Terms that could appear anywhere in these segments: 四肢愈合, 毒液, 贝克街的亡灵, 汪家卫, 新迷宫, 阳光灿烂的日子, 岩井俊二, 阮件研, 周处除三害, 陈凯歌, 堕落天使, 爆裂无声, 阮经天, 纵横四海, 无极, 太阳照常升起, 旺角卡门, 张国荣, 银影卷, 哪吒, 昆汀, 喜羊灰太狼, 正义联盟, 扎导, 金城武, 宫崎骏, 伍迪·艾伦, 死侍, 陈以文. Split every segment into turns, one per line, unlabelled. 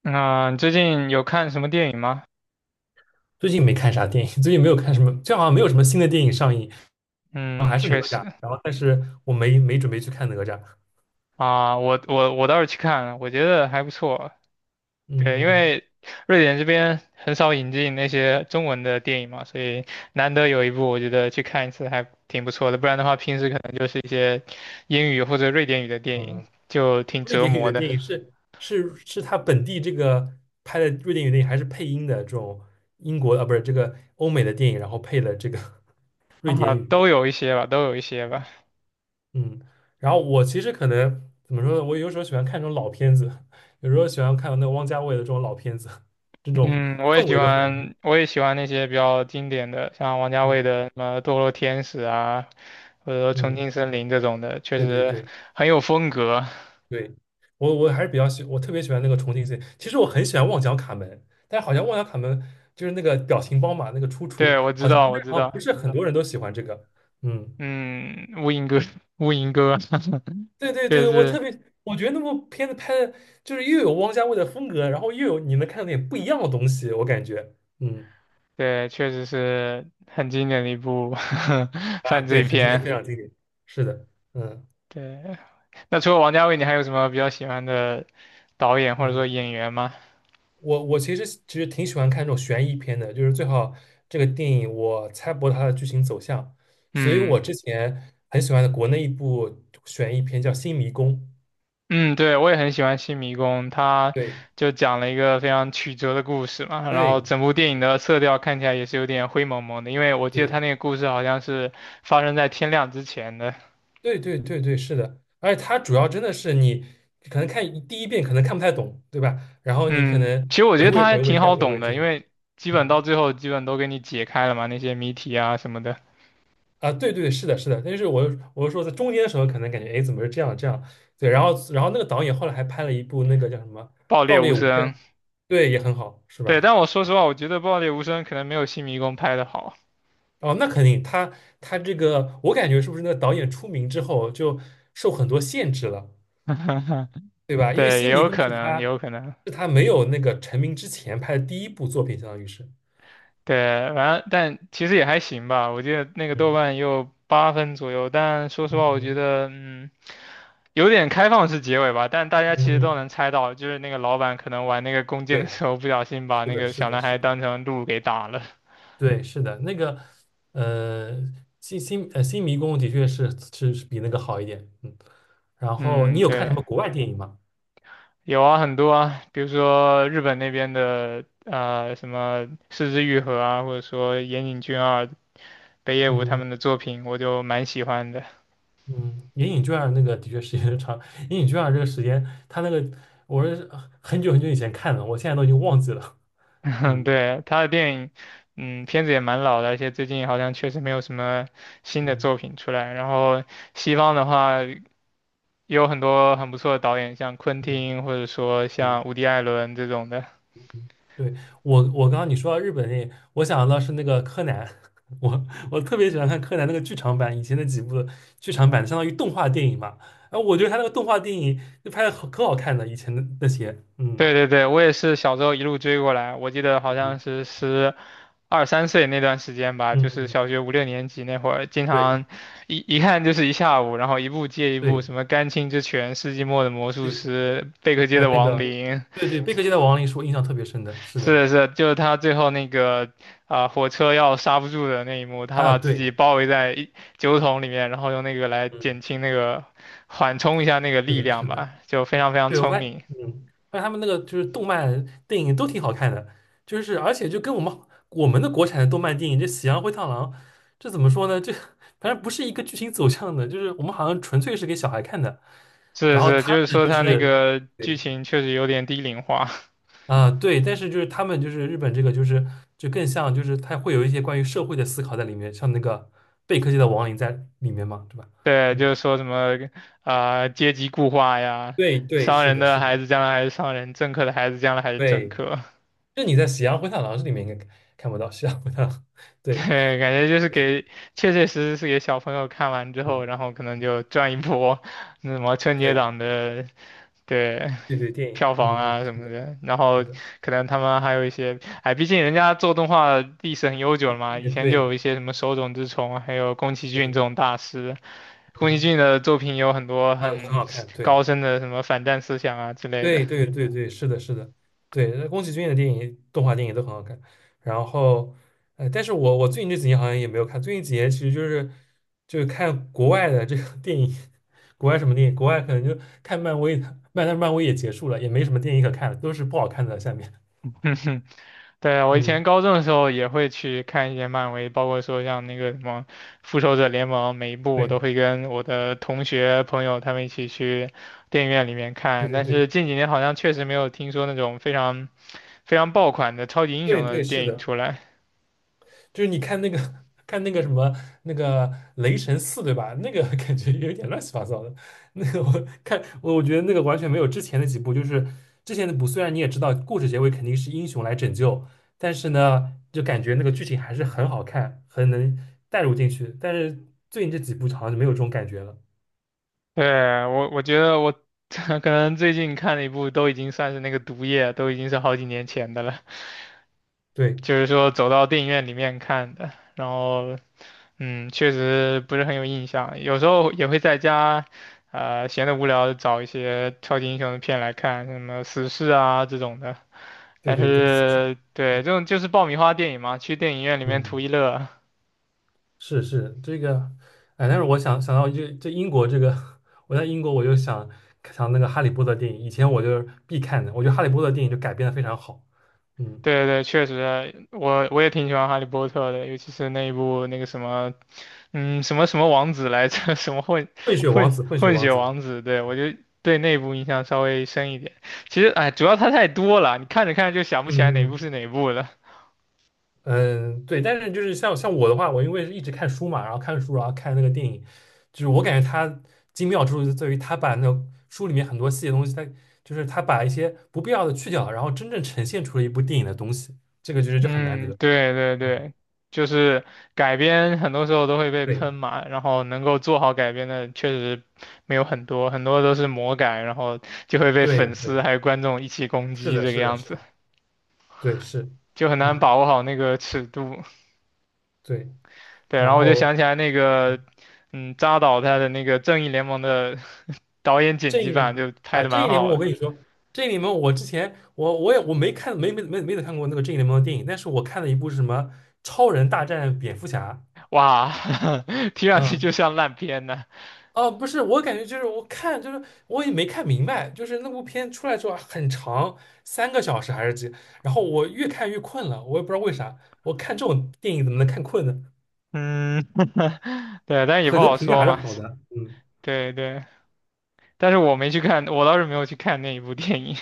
那、你最近有看什么电影吗？
最近没看啥电影，最近没有看什么，最近好像没有什么新的电影上映，然后还
嗯，
是哪
确实。
吒，然后但是我没准备去看哪吒。
啊，我倒是去看了，我觉得还不错。对，因
嗯
为瑞典这边很少引进那些中文的电影嘛，所以难得有一部，我觉得去看一次还挺不错的。不然的话，平时可能就是一些英语或者瑞典语的电影，
嗯，
就挺
瑞
折
典语
磨
的
的。
电影是他本地这个拍的瑞典语电影，还是配音的这种英国啊，不是这个欧美的电影，然后配了这个 瑞
啊，
典语。
都有一些吧，都有一些吧。
嗯，然后我其实可能怎么说呢，我有时候喜欢看这种老片子，有时候喜欢看那个汪家卫的这种老片子，这种
嗯，我也
氛
喜
围的环境。
欢，我也喜欢那些比较经典的，像王家
嗯
卫的什么《堕落天使》啊，或者说《重
嗯，
庆森林》这种的，确
对对
实
对。
很有风格。
对，我还是比较喜，我特别喜欢那个重庆系。其实我很喜欢《旺角卡门》，但好像《旺角卡门》就是那个表情包嘛，那个出处
对，我知
好像
道，我
那
知
好像不
道。
是很多人都喜欢这个。嗯，
嗯，《乌蝇哥》，《《乌蝇哥》
对 对
确
对，
实
我特
是，
别，我觉得那部片子拍的就是又有汪家卫的风格，然后又有你能看到点不一样的东西，我感觉。嗯
对，确实是很经典的一部
啊，
犯
对，
罪
很经典，非
片。
常经典。是的，嗯
对，那除了王家卫，你还有什么比较喜欢的导演或者说
嗯。
演员吗？
我其实挺喜欢看这种悬疑片的，就是最好这个电影我猜不到它的剧情走向，所以我
嗯。
之前很喜欢的国内一部悬疑片叫《新迷宫》，
嗯，对，我也很喜欢《新迷宫》，它
对
就讲了一个非常曲折的故事嘛，然后
对
整部电影的色调看起来也是有点灰蒙蒙的，因为我记得它
对
那个故事好像是发生在天亮之前的。
对对对对，是的，而且它主要真的是你可能看一第一遍可能看不太懂，对吧？然后你可
嗯，其
能
实我觉
回
得
味
它还
回味
挺
再
好
回
懂
味
的，
之后
因为基本
嗯。
到最后基本都给你解开了嘛，那些谜题啊什么的，
啊，对对，是的，是的，但是我是说在中间的时候，可能感觉哎，诶怎么是这样这样？对，然后那个导演后来还拍了一部那个叫什么
爆裂
《爆裂
无
无声》，
声。
对，也很好，是
对，
吧？
但我说实话，我觉得爆裂无声可能没有《新迷宫》拍的好。
哦，那肯定，他他这个我感觉是不是那个导演出名之后就受很多限制了，对吧？因为
对，也
《新迷
有
宫》
可
是
能，也
他
有可能。
是他没有那个成名之前拍的第一部作品，相当于是，
对，完了，但其实也还行吧。我记得那个豆
嗯
瓣也有八分左右，但说实话，
嗯
我觉
嗯
得嗯，有点开放式结尾吧。但大家
嗯，
其实都
嗯
能猜到，就是那个老板可能玩那个弓箭的
对，
时候，不小心把
是
那
的，
个
是
小
的，
男
是
孩
的。
当成鹿给打了。
对，是的，那个，呃，新迷宫的确是比那个好一点，嗯。然后你
嗯，
有看什
对，
么国外电影吗？
有啊，很多啊，比如说日本那边的什么《四肢愈合》啊，或者说岩井俊二、北野武他
嗯
们的作品，我就蛮喜欢的。
嗯，《银影卷》那个的确时间长，《银影卷》这个时间，它那个我是很久很久以前看的，我现在都已经忘记了。
嗯，
嗯
对，他的电影，嗯，片子也蛮老的，而且最近好像确实没有什么新的
嗯
作品出来。然后西方的话，也有很多很不错的导演，像昆
嗯
汀或者说像
嗯。
伍迪·艾伦这种的。
对，我，我刚刚你说到日本电影，我想到是那个柯南，我我特别喜欢看柯南那个剧场版，以前的几部剧场版相当于动画电影嘛，然后我觉得他那个动画电影就拍的可好看了，以前的那些，嗯
对对对，我也是小时候一路追过来，我记得好像
嗯
是十二三岁那段时间吧，就是
嗯，
小学五六年级那会儿，经
对
常一看就是一下午，然后一部接一部，
对
什么《甘青之拳》《世纪末的魔术
对，
师》《贝克街
还有
的
那
亡
个，
灵》。
对对，贝克街的亡灵是我印象特别深的，是的，
是的，是的，就是他最后那个啊、火车要刹不住的那一幕，他
啊
把自
对，
己包围在一酒桶里面，然后用那个来
嗯，
减轻那个缓冲一下那个
是
力
的
量
是的。
吧，就非常非常
对，我
聪
发现，
明。
嗯，发现他们那个就是动漫电影都挺好看的，就是而且就跟我们我们国产的动漫电影，这《喜羊灰太狼》，这怎么说呢？这反正不是一个剧情走向的，就是我们好像纯粹是给小孩看的，
是的
然
是
后
的，
他
就是
们
说他那个剧
对
情确实有点低龄化。
啊、对，但是就是他们就是日本这个就是就更像就是他会有一些关于社会的思考在里面，像那个贝克街的亡灵在里面嘛，对吧？
对，
嗯，
就是说什么啊、阶级固化呀，
对对，
商
是
人
的，
的
是
孩
的，
子将来还是商人，政客的孩子将来还是政
对，
客，
就你在《喜羊灰太狼》这里面应该看不到《喜羊灰太狼》，对。
对，感觉就是给，确确实实是给小朋友看完之后，
嗯，
然后可能就赚一波，那什么春节
对
档的，对，
对对，电影，
票房
嗯，
啊什
是
么
的，
的，然
是
后
的，
可能他们还有一些，哎，毕竟人家做动画历史很悠久了嘛，以
也
前就
对
有一些什么手冢治虫，还有宫崎骏
对，
这种大师，宫崎
嗯，
骏的作品有很多
啊，很
很
好看，对
高深的什么反战思想啊之类的。
对对对对，是的，是的，对，那宫崎骏的电影，动画电影都很好看。然后，呃，但是我最近这几年好像也没有看，最近几年其实就是就是看国外的这个电影，国外什么电影，国外可能就看漫威的，漫但是漫威也结束了，也没什么电影可看了，都是不好看的。下面，
对啊，我以前
嗯，
高中的时候也会去看一些漫威，包括说像那个什么《复仇者联盟》，每一部我都
对
会跟我的同学朋友他们一起去电影院里面
对
看。
对
但
对
是近几年好像确实没有听说那种非常非常爆款的超级英
对
雄的
对，是
电影
的，
出来。
就是你看那个 看那个什么那个雷神四，对吧？那个 感觉有点乱七八糟的。那个我看我我觉得那个完全没有之前的几部，就是之前的部虽然你也知道故事结尾肯定是英雄来拯救，但是呢，就感觉那个剧情还是很好看，很能带入进去。但是最近这几部好像就没有这种感觉了。
对，我觉得我 可能最近看了一部都已经算是那个《毒液》，都已经是好几年前的了，
对
就是说走到电影院里面看的，然后。嗯，确实不是很有印象，有时候也会在家，闲得无聊找一些超级英雄的片来看，什么死侍啊这种的。
对
但
对对，40
是，对，这种就是爆米花电影嘛，去电影院里面
嗯
图一乐。
是是这个，哎，但是我想到这英国这个，我在英国我就想那个《哈利波特》电影，以前我就是必看的，我觉得《哈利波特》电影就改编的非常好，嗯，
对对，确实，我也挺喜欢哈利波特的，尤其是那一部那个什么，嗯，什么什么王子来着，什么混
《混血
混
王子》，《混血
混
王
血
子》，
王子，对，我就对那部印象稍微深一点。其实，哎，主要它太多了，你看着看着就想不起来
嗯
哪部
嗯
是哪部了。
嗯，对，但是就是像我的话，我因为是一直看书嘛，然后看书，然后看那个电影，就是我感觉它精妙之处就在于它把那个书里面很多细节东西，它就是它把一些不必要的去掉，然后真正呈现出了一部电影的东西，这个就是就很难
嗯，
得，
对对
嗯
对，就是改编很多时候都会被喷
对
嘛，然后能够做好改编的确实没有很多，很多都是魔改，然后就会被
对
粉
对。
丝还有观众一起攻
是
击
的，
这个
是的，
样
是
子，
的，对，是，
就很难
嗯，
把握好那个尺度。
对。
对，然
然
后我就
后
想起来那个，嗯，扎导他的那个《正义联盟》的导演剪
正
辑
义联
版
盟
就拍
啊，
的
正
蛮
义联盟，
好
我
的。
跟你说，正义联盟，我之前我没看，没怎么看过那个正义联盟的电影，但是我看了一部是什么《超人大战蝙蝠侠》。
哇，听上去
嗯，
就像烂片呢。
哦，不是，我感觉就是我也没看明白，就是那部片出来之后啊很长，3个小时还是几，然后我越看越困了，我也不知道为啥，我看这种电影怎么能看困呢？
嗯，对，但也
可
不
能
好
评价还
说
是
嘛，
好的，嗯。
对对。但是我没去看，我倒是没有去看那一部电影。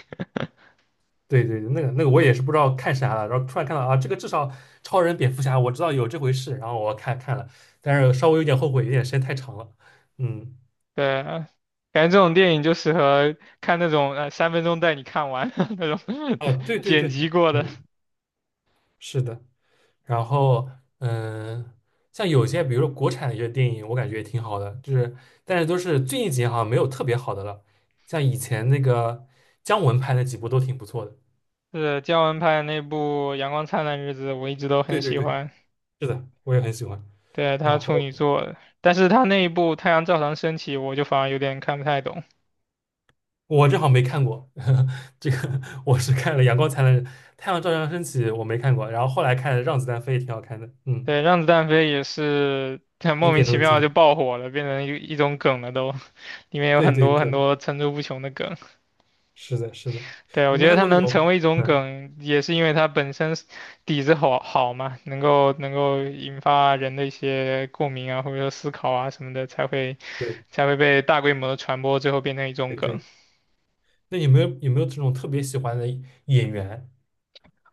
对对，那个那个我也是不知道看啥了，然后突然看到啊，这个至少超人、蝙蝠侠我知道有这回事，然后我看了，但是稍微有点后悔，有点时间太长了。嗯，
对啊，感觉这种电影就适合看那种三分钟带你看完 那种， 对，
哦，对对
剪
对，
辑过的。
嗯，是的。然后嗯、呃像有些比如说国产的一些电影，我感觉也挺好的，就是但是都是最近几年好像没有特别好的了，像以前那个姜文拍的几部都挺不错的。
是姜文拍的那部《阳光灿烂的日子》，我一直都
对
很
对
喜
对，
欢。
是的，我也很喜欢。
对，
然
他处
后。
女座的，但是他那一部《太阳照常升起》，我就反而有点看不太懂。
我正好没看过，这个我是看了《阳光灿烂》《太阳照常升起》，我没看过，然后后来看《让子弹飞》也挺好看的，嗯，
对，《让子弹飞》也是很 莫
经
名
典
其
中的经
妙就
典。
爆火了，变成一种梗了都，里面有
对
很
对
多很
对，
多层出不穷的梗。
是的，是的。
对，我
你
觉
没
得
看
它
过那
能
种？
成为一种
嗯，
梗，也是因为它本身是底子好嘛，能够引发人的一些共鸣啊，或者说思考啊什么的，才会
对
才会被大规模的传播，最后变成一种
对
梗。
对。那有没有这种特别喜欢的演员？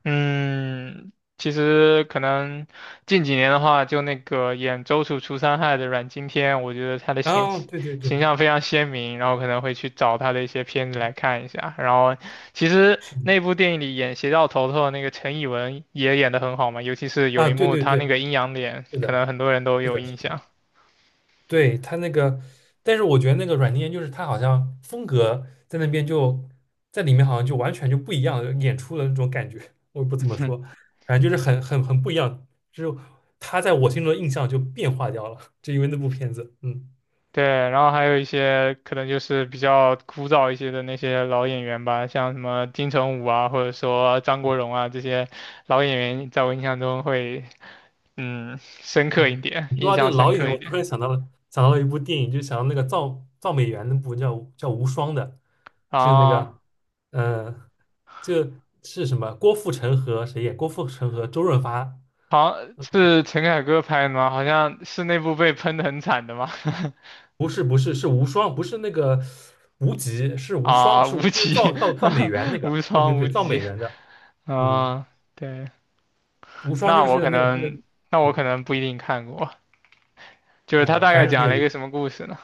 嗯，其实可能近几年的话，就那个演周处除三害的阮经天，我觉得他的形
啊，对对对，
形象非常鲜明，然后可能会去找他的一些片子来看一下。然后，其实
是的，
那部电影里演邪教头头的那个陈以文也演得很好嘛，尤其是有
啊，
一
对
幕
对
他
对，
那个阴阳脸，
是
可
的，
能很多人都
是
有
的，
印
是的。
象。
对，他那个，但是我觉得那个阮件研就是他好像风格在那边就在里面好像就完全就不一样，演出了那种感觉，我也不怎么说，反正就是很不一样，就是他在我心中的印象就变化掉了，就因为那部片子，嗯
对，然后还有一些可能就是比较枯燥一些的那些老演员吧，像什么金城武啊，或者说张国荣啊这些老演员，在我印象中会嗯深刻一
嗯。
点，
你说
印
到这
象
个老
深
演员，
刻一
我
点
突然想到了一部电影，就想到那个造美元那部叫《无双》的，就是那
啊。
个嗯、呃，这是什么？郭富城和谁演？郭富城和周润发。
好，是陈凯歌拍的吗？好像是那部被喷的很惨的吗？
不是是无双，不是那个无极，是 无双，
啊，
是
无
无就是
极，
造美元那 个，
无
对对
双无
对，造美
极
元的，嗯，
啊，对，
无双
那
就
我
是
可
那个那个，
能，那我可
嗯
能不一定看过，就是他大
反
概
正挺
讲
有
了一
意思，
个什么故事呢？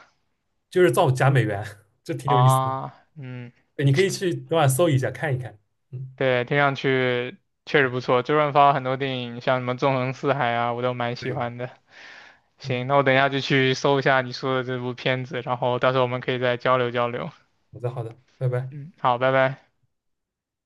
就是造假美元，这挺有意思的，
啊，嗯。
对，你可以去等会儿搜一下看一看，嗯，
对，听上去确实不错。周润发很多电影，像什么《纵横四海》啊，我都蛮喜
对，
欢的。行，
嗯，
那我等一下就去搜一下你说的这部片子，然后到时候我们可以再交流交流。
好的好的，拜拜。
嗯，好，拜拜。